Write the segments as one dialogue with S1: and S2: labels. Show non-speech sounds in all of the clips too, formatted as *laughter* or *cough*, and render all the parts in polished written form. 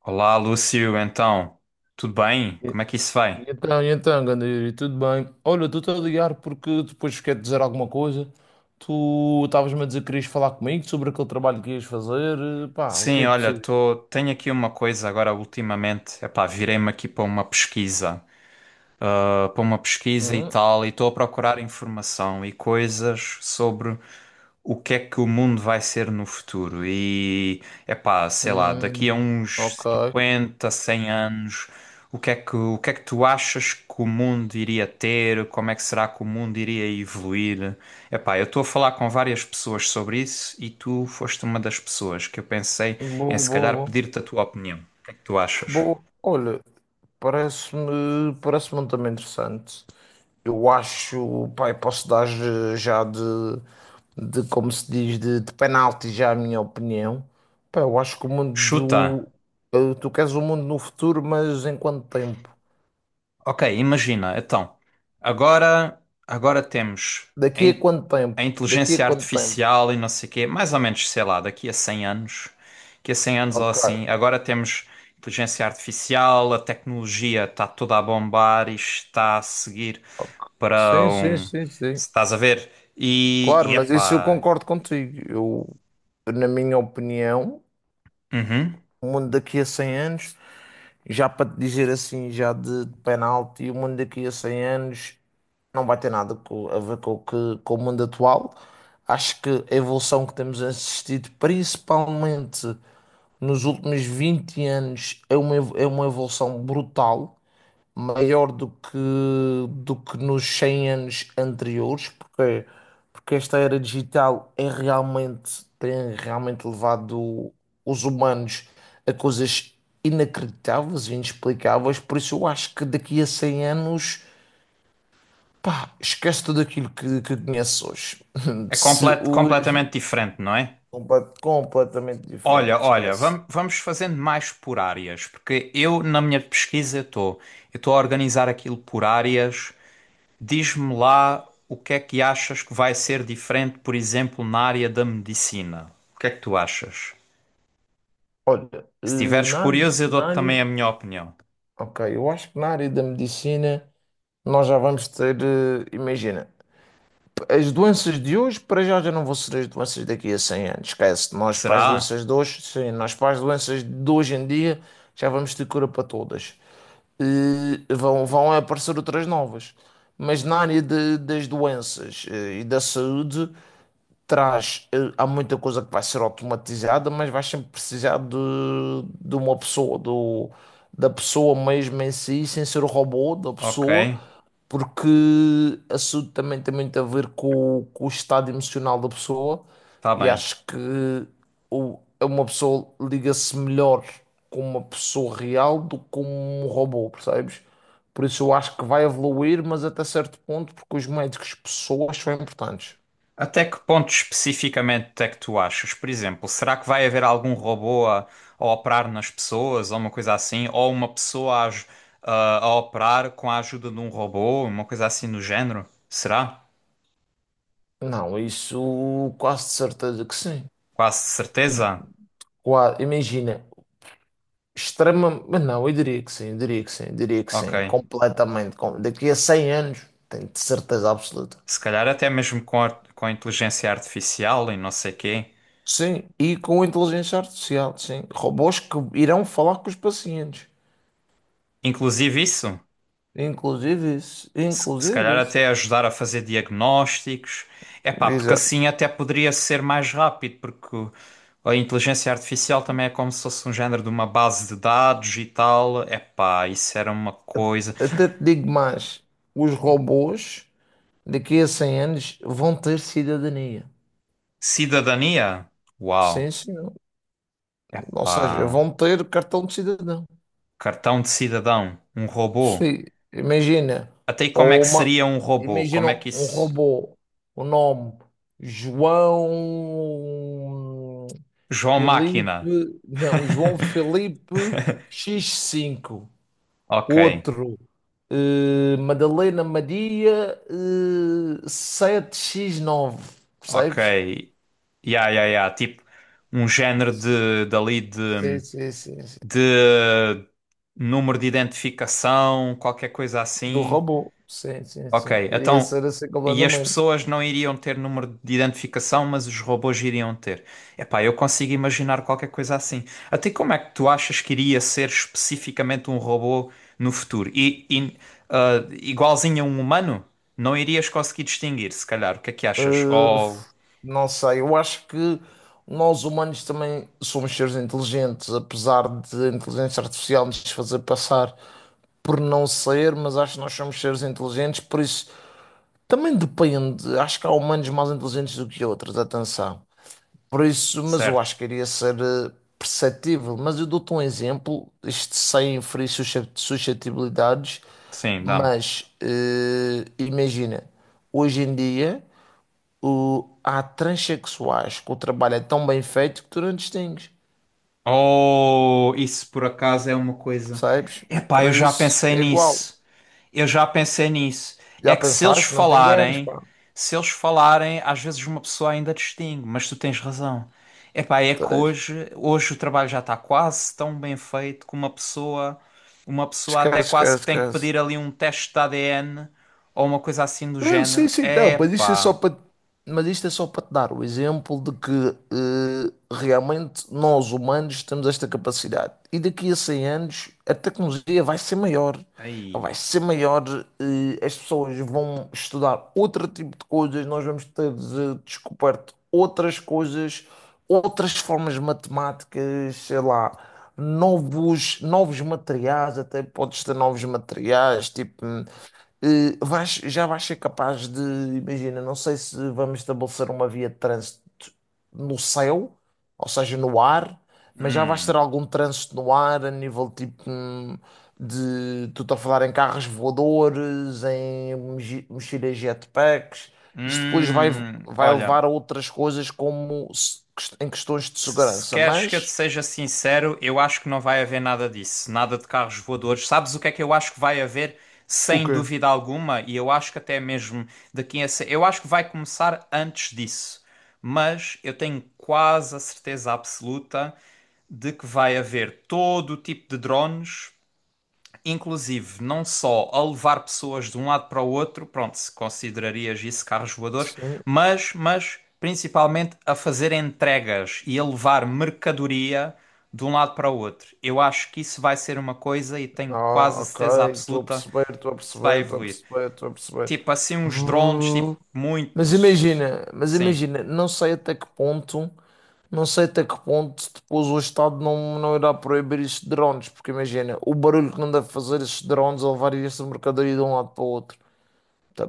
S1: Olá, Lúcio, então, tudo bem?
S2: E
S1: Como é que isso
S2: e
S1: vai?
S2: então, e então, ganda Yuri, tudo bem? Olha, estou-te a ligar porque depois quero dizer alguma coisa. Tu estavas-me a dizer que querias falar comigo sobre aquele trabalho que ias fazer. Pá, o que é
S1: Sim,
S2: que
S1: olha,
S2: precisas?
S1: tenho aqui uma coisa agora ultimamente, epá, virei-me aqui para uma pesquisa. Para uma pesquisa e
S2: Hum,
S1: tal, e estou a procurar informação e coisas sobre o que é que o mundo vai ser no futuro. E, epá, sei lá, daqui a
S2: hum,
S1: uns
S2: ok.
S1: 50 100 anos, o que é que tu achas que o mundo iria ter? Como é que será que o mundo iria evoluir? Epá, eu estou a falar com várias pessoas sobre isso e tu foste uma das pessoas que eu pensei em
S2: Boa, boa,
S1: se calhar
S2: boa.
S1: pedir-te a tua opinião. O que é que tu achas?
S2: Boa. Olha, parece-me um tema interessante. Eu acho, pai, posso dar já de como se diz, de penalti já a minha opinião. Pá, eu acho que o mundo
S1: Chuta!
S2: do, eh, tu queres o mundo no futuro, mas em quanto tempo?
S1: Ok, imagina, então, agora, agora temos a,
S2: Daqui a
S1: in-
S2: quanto
S1: a
S2: tempo? Daqui a
S1: inteligência
S2: quanto tempo?
S1: artificial e não sei o quê, mais ou menos, sei lá, daqui a 100 anos, daqui a 100 anos ou
S2: Ok.
S1: assim, agora temos inteligência artificial, a tecnologia está toda a bombar e está a seguir para
S2: Sim, sim,
S1: um...
S2: sim, sim.
S1: se Estás a ver? E,
S2: Claro,
S1: e
S2: mas isso eu
S1: epá,
S2: concordo contigo. Eu, na minha opinião,
S1: uhum,
S2: o mundo daqui a 100 anos, já para te dizer assim, já de penalti, o mundo daqui a 100 anos não vai ter nada a ver com, com o mundo atual. Acho que a evolução que temos assistido, principalmente nos últimos 20 anos, é uma evolução brutal maior do que nos 100 anos anteriores, porque esta era digital tem realmente levado os humanos a coisas inacreditáveis e inexplicáveis, por isso eu acho que daqui a 100 anos, pá, esquece tudo aquilo que conheces hoje. *laughs*
S1: é
S2: Se hoje,
S1: completamente diferente, não é?
S2: completamente diferente,
S1: Olha, olha,
S2: esquece.
S1: vamos fazendo mais por áreas, porque eu na minha pesquisa estou, eu estou a organizar aquilo por áreas. Diz-me lá o que é que achas que vai ser diferente, por exemplo, na área da medicina. O que é que tu achas?
S2: Olha,
S1: Se estiveres
S2: na área,
S1: curioso, eu
S2: na
S1: dou-te
S2: área,
S1: também a minha opinião.
S2: ok, eu acho que na área da medicina. Nós já vamos ter, imagina, as doenças de hoje para já já não vão ser as doenças daqui a 100 anos. Esquece, nós para as
S1: Será?
S2: doenças de hoje, sim, nós para as doenças de hoje em dia já vamos ter cura para todas. E vão aparecer outras novas. Mas na área das doenças e da saúde, há muita coisa que vai ser automatizada, mas vais sempre precisar de uma pessoa, da pessoa mesmo em si, sem ser o robô da
S1: Ok,
S2: pessoa, porque isso também tem muito a ver com o estado emocional da pessoa,
S1: está
S2: e
S1: bem.
S2: acho que uma pessoa liga-se melhor com uma pessoa real do que com um robô, percebes? Por isso eu acho que vai evoluir, mas até certo ponto, porque os médicos pessoas são importantes.
S1: Até que ponto especificamente é que tu achas? Por exemplo, será que vai haver algum robô a operar nas pessoas ou uma coisa assim? Ou uma pessoa a operar com a ajuda de um robô, uma coisa assim do género? Será?
S2: Não, isso quase de certeza que sim.
S1: Quase certeza?
S2: Imagina, extrema, mas não, eu diria que sim, eu diria que sim, eu diria que
S1: Ok.
S2: sim, completamente. Daqui a 100 anos, tenho de certeza absoluta.
S1: Se calhar até mesmo com a inteligência artificial e não sei quê.
S2: Sim, e com inteligência artificial, sim. Robôs que irão falar com os pacientes.
S1: Inclusive isso?
S2: Inclusive isso,
S1: Se calhar
S2: inclusive isso.
S1: até ajudar a fazer diagnósticos. É pá, porque
S2: Exato.
S1: assim até poderia ser mais rápido, a inteligência artificial também é como se fosse um género de uma base de dados e tal. É pá, isso era uma coisa.
S2: Até te digo mais, os robôs daqui a 100 anos vão ter cidadania.
S1: Cidadania? Uau.
S2: Sim, sim.
S1: É
S2: Ou seja,
S1: pá,
S2: vão ter cartão de cidadão.
S1: cartão de cidadão, um robô.
S2: Sim, imagina,
S1: Até aí como é
S2: ou
S1: que
S2: uma,
S1: seria um robô?
S2: imagina
S1: Como é que
S2: um
S1: isso.
S2: robô, o nome João
S1: João
S2: Felipe,
S1: Máquina.
S2: não, João
S1: *laughs*
S2: Felipe x cinco,
S1: Ok,
S2: outro, Madalena Maria, 7 x nove,
S1: ok.
S2: percebes?
S1: Ya, ya, ya. Tipo, um género de, dali
S2: Sim,
S1: de,
S2: sim, sim, sim.
S1: de número de identificação, qualquer coisa
S2: Do
S1: assim.
S2: robô, sim, sim,
S1: Ok,
S2: sim, iria
S1: então.
S2: ser assim
S1: E as
S2: completamente.
S1: pessoas não iriam ter número de identificação, mas os robôs iriam ter. Epá, eu consigo imaginar qualquer coisa assim. Até como é que tu achas que iria ser especificamente um robô no futuro? Igualzinho a um humano, não irias conseguir distinguir, se calhar. O que é que achas?
S2: Eh,
S1: Oh,
S2: Não sei, eu acho que nós humanos também somos seres inteligentes, apesar de a inteligência artificial nos fazer passar por não ser, mas acho que nós somos seres inteligentes, por isso também depende. Acho que há humanos mais inteligentes do que outros, atenção. Por isso, mas eu
S1: certo.
S2: acho que iria ser perceptível. Mas eu dou-te um exemplo, isto sem ferir suscetibilidades,
S1: Sim, dá-me.
S2: mas imagina, hoje em dia. Há transexuais que o trabalho é tão bem feito que tu não distingues,
S1: Oh, isso por acaso é uma coisa.
S2: percebes?
S1: Epá,
S2: Por
S1: eu já
S2: isso
S1: pensei
S2: é igual.
S1: nisso. Eu já pensei nisso. É
S2: Já
S1: que se eles
S2: pensaste? Não te enganes,
S1: falarem,
S2: pá.
S1: se eles falarem, às vezes uma pessoa ainda distingue, mas tu tens razão. Epá, é que
S2: Tens.
S1: hoje, hoje o trabalho já está quase tão bem feito que uma pessoa
S2: Esquece,
S1: até
S2: esquece,
S1: quase que tem que
S2: esquece.
S1: pedir ali um teste de ADN ou uma coisa assim do
S2: Não, sim,
S1: género.
S2: sim, não,
S1: Epá,
S2: mas isto é só para te dar o exemplo de que realmente nós humanos temos esta capacidade. E daqui a 100 anos a tecnologia vai ser maior, vai
S1: aí.
S2: ser maior, eh, as pessoas vão estudar outro tipo de coisas, nós vamos ter descoberto outras coisas, outras formas matemáticas, sei lá, novos materiais, até podes ter novos materiais, tipo já vais ser capaz de, imagina, não sei se vamos estabelecer uma via de trânsito no céu, ou seja, no ar, mas já vais ter
S1: Hum,
S2: algum trânsito no ar a nível tipo tu estou a falar em carros voadores, em mochilas jetpacks, isso depois vai, vai levar
S1: olha,
S2: a outras coisas como em questões de
S1: se
S2: segurança,
S1: queres que eu te
S2: mas
S1: seja sincero, eu acho que não vai haver nada disso, nada de carros voadores. Sabes o que é que eu acho que vai haver, sem
S2: ok.
S1: dúvida alguma, e eu acho que até mesmo daqui a. se- eu acho que vai começar antes disso, mas eu tenho quase a certeza absoluta de que vai haver todo o tipo de drones inclusive, não só a levar pessoas de um lado para o outro, pronto, se considerarias isso carros voadores, mas, principalmente a fazer entregas e a levar mercadoria de um lado para o outro. Eu acho que isso vai ser uma coisa e tenho quase
S2: Ah,
S1: a
S2: ok,
S1: certeza
S2: estou a
S1: absoluta
S2: perceber, estou a
S1: que isso vai
S2: perceber, estou a
S1: evoluir.
S2: perceber, estou a perceber.
S1: Tipo assim, uns drones, tipo,
S2: Vu-
S1: muito.
S2: Mas imagina,
S1: Sim.
S2: não sei até que ponto, não sei até que ponto depois o Estado não, não irá proibir estes drones, porque imagina, o barulho que não deve fazer estes drones a levar esta mercadoria de um lado para o outro.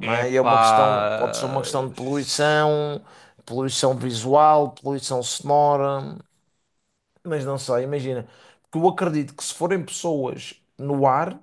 S1: É
S2: é
S1: pá.
S2: uma questão, pode ser uma questão de poluição, poluição visual, poluição sonora, mas não sei, imagina, porque eu acredito que se forem pessoas no ar.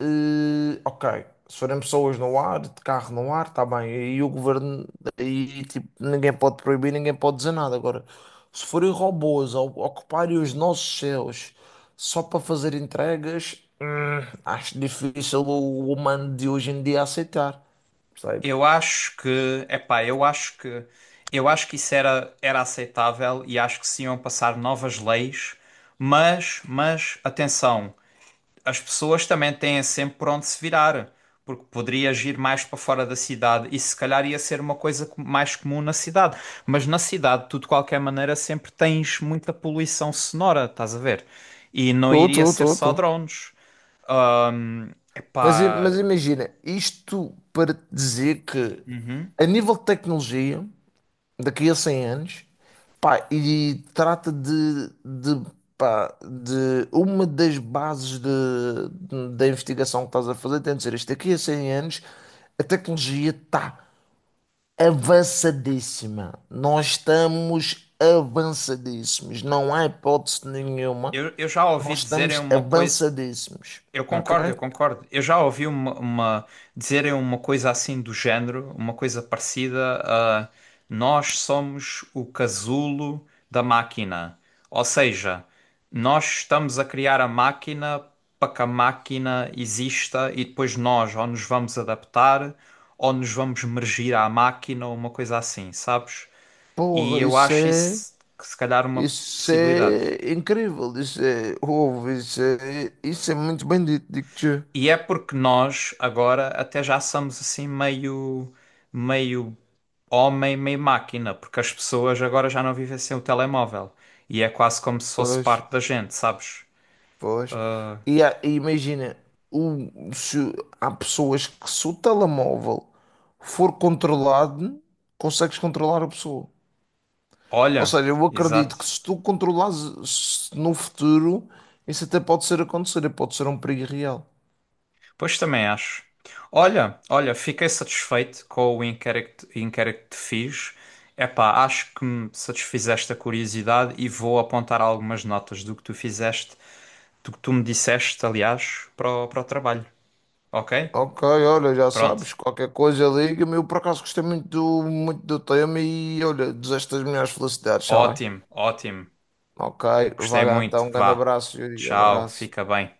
S2: Ok, se forem pessoas no ar, de carro no ar, está bem. E o governo, aí tipo, ninguém pode proibir, ninguém pode dizer nada. Agora, se forem robôs a ocuparem os nossos céus só para fazer entregas, acho difícil o humano de hoje em dia aceitar, percebes?
S1: Eu acho que, epá, eu acho que, eu acho que isso era, era aceitável e acho que se iam passar novas leis, mas, atenção, as pessoas também têm sempre por onde se virar, porque poderias ir mais para fora da cidade e se calhar ia ser uma mais comum na cidade, mas na cidade tu de qualquer maneira sempre tens muita poluição sonora, estás a ver? E não
S2: Estou,
S1: iria
S2: estou,
S1: ser
S2: estou,
S1: só
S2: estou.
S1: drones.
S2: Mas, i-
S1: Epá,
S2: mas imagina, isto para te dizer que,
S1: uhum.
S2: a nível de tecnologia. Daqui a 100 anos, pá, e trata pá, de uma das bases da investigação que estás a fazer, tem de ser isto, daqui a 100 anos a tecnologia está avançadíssima, nós estamos avançadíssimos, não há hipótese nenhuma,
S1: Eu já ouvi
S2: nós
S1: dizerem
S2: estamos
S1: uma coisa.
S2: avançadíssimos,
S1: Eu
S2: ok?
S1: concordo, eu concordo. Eu já ouvi dizerem uma coisa assim do género, uma coisa parecida a nós somos o casulo da máquina. Ou seja, nós estamos a criar a máquina para que a máquina exista e depois nós ou nos vamos adaptar ou nos vamos mergir à máquina ou uma coisa assim, sabes? E
S2: Porra,
S1: eu
S2: isso
S1: acho
S2: é,
S1: isso que se calhar uma
S2: Isso
S1: possibilidade.
S2: é incrível, isso é ouve, isso é muito bem dito, digo-te.
S1: E é porque nós agora até já somos assim meio, meio homem, meio máquina, porque as pessoas agora já não vivem sem o telemóvel. E é quase como se fosse
S2: Pois,
S1: parte da gente, sabes?
S2: pois. E, imagina, se há pessoas que se o telemóvel for controlado, consegues controlar a pessoa. Ou
S1: Olha,
S2: seja, eu acredito que
S1: exato.
S2: se tu controlares se no futuro, isso até pode ser acontecer, pode ser um perigo real.
S1: Pois também acho. Olha, olha, fiquei satisfeito com o inquérito, inquérito que te fiz. Epá, acho que me satisfizeste a curiosidade e vou apontar algumas notas do que tu fizeste, do que tu me disseste, aliás, para o, para o trabalho. Ok?
S2: Ok, olha, já
S1: Pronto.
S2: sabes, qualquer coisa liga-me. Eu por acaso gostei muito do tema e olha, desejo-te as melhores felicidades, está bem?
S1: Ótimo, ótimo.
S2: Ok, vai
S1: Gostei
S2: lá
S1: muito.
S2: então, um grande
S1: Vá.
S2: abraço, Yuri,
S1: Tchau,
S2: abraço.
S1: fica bem.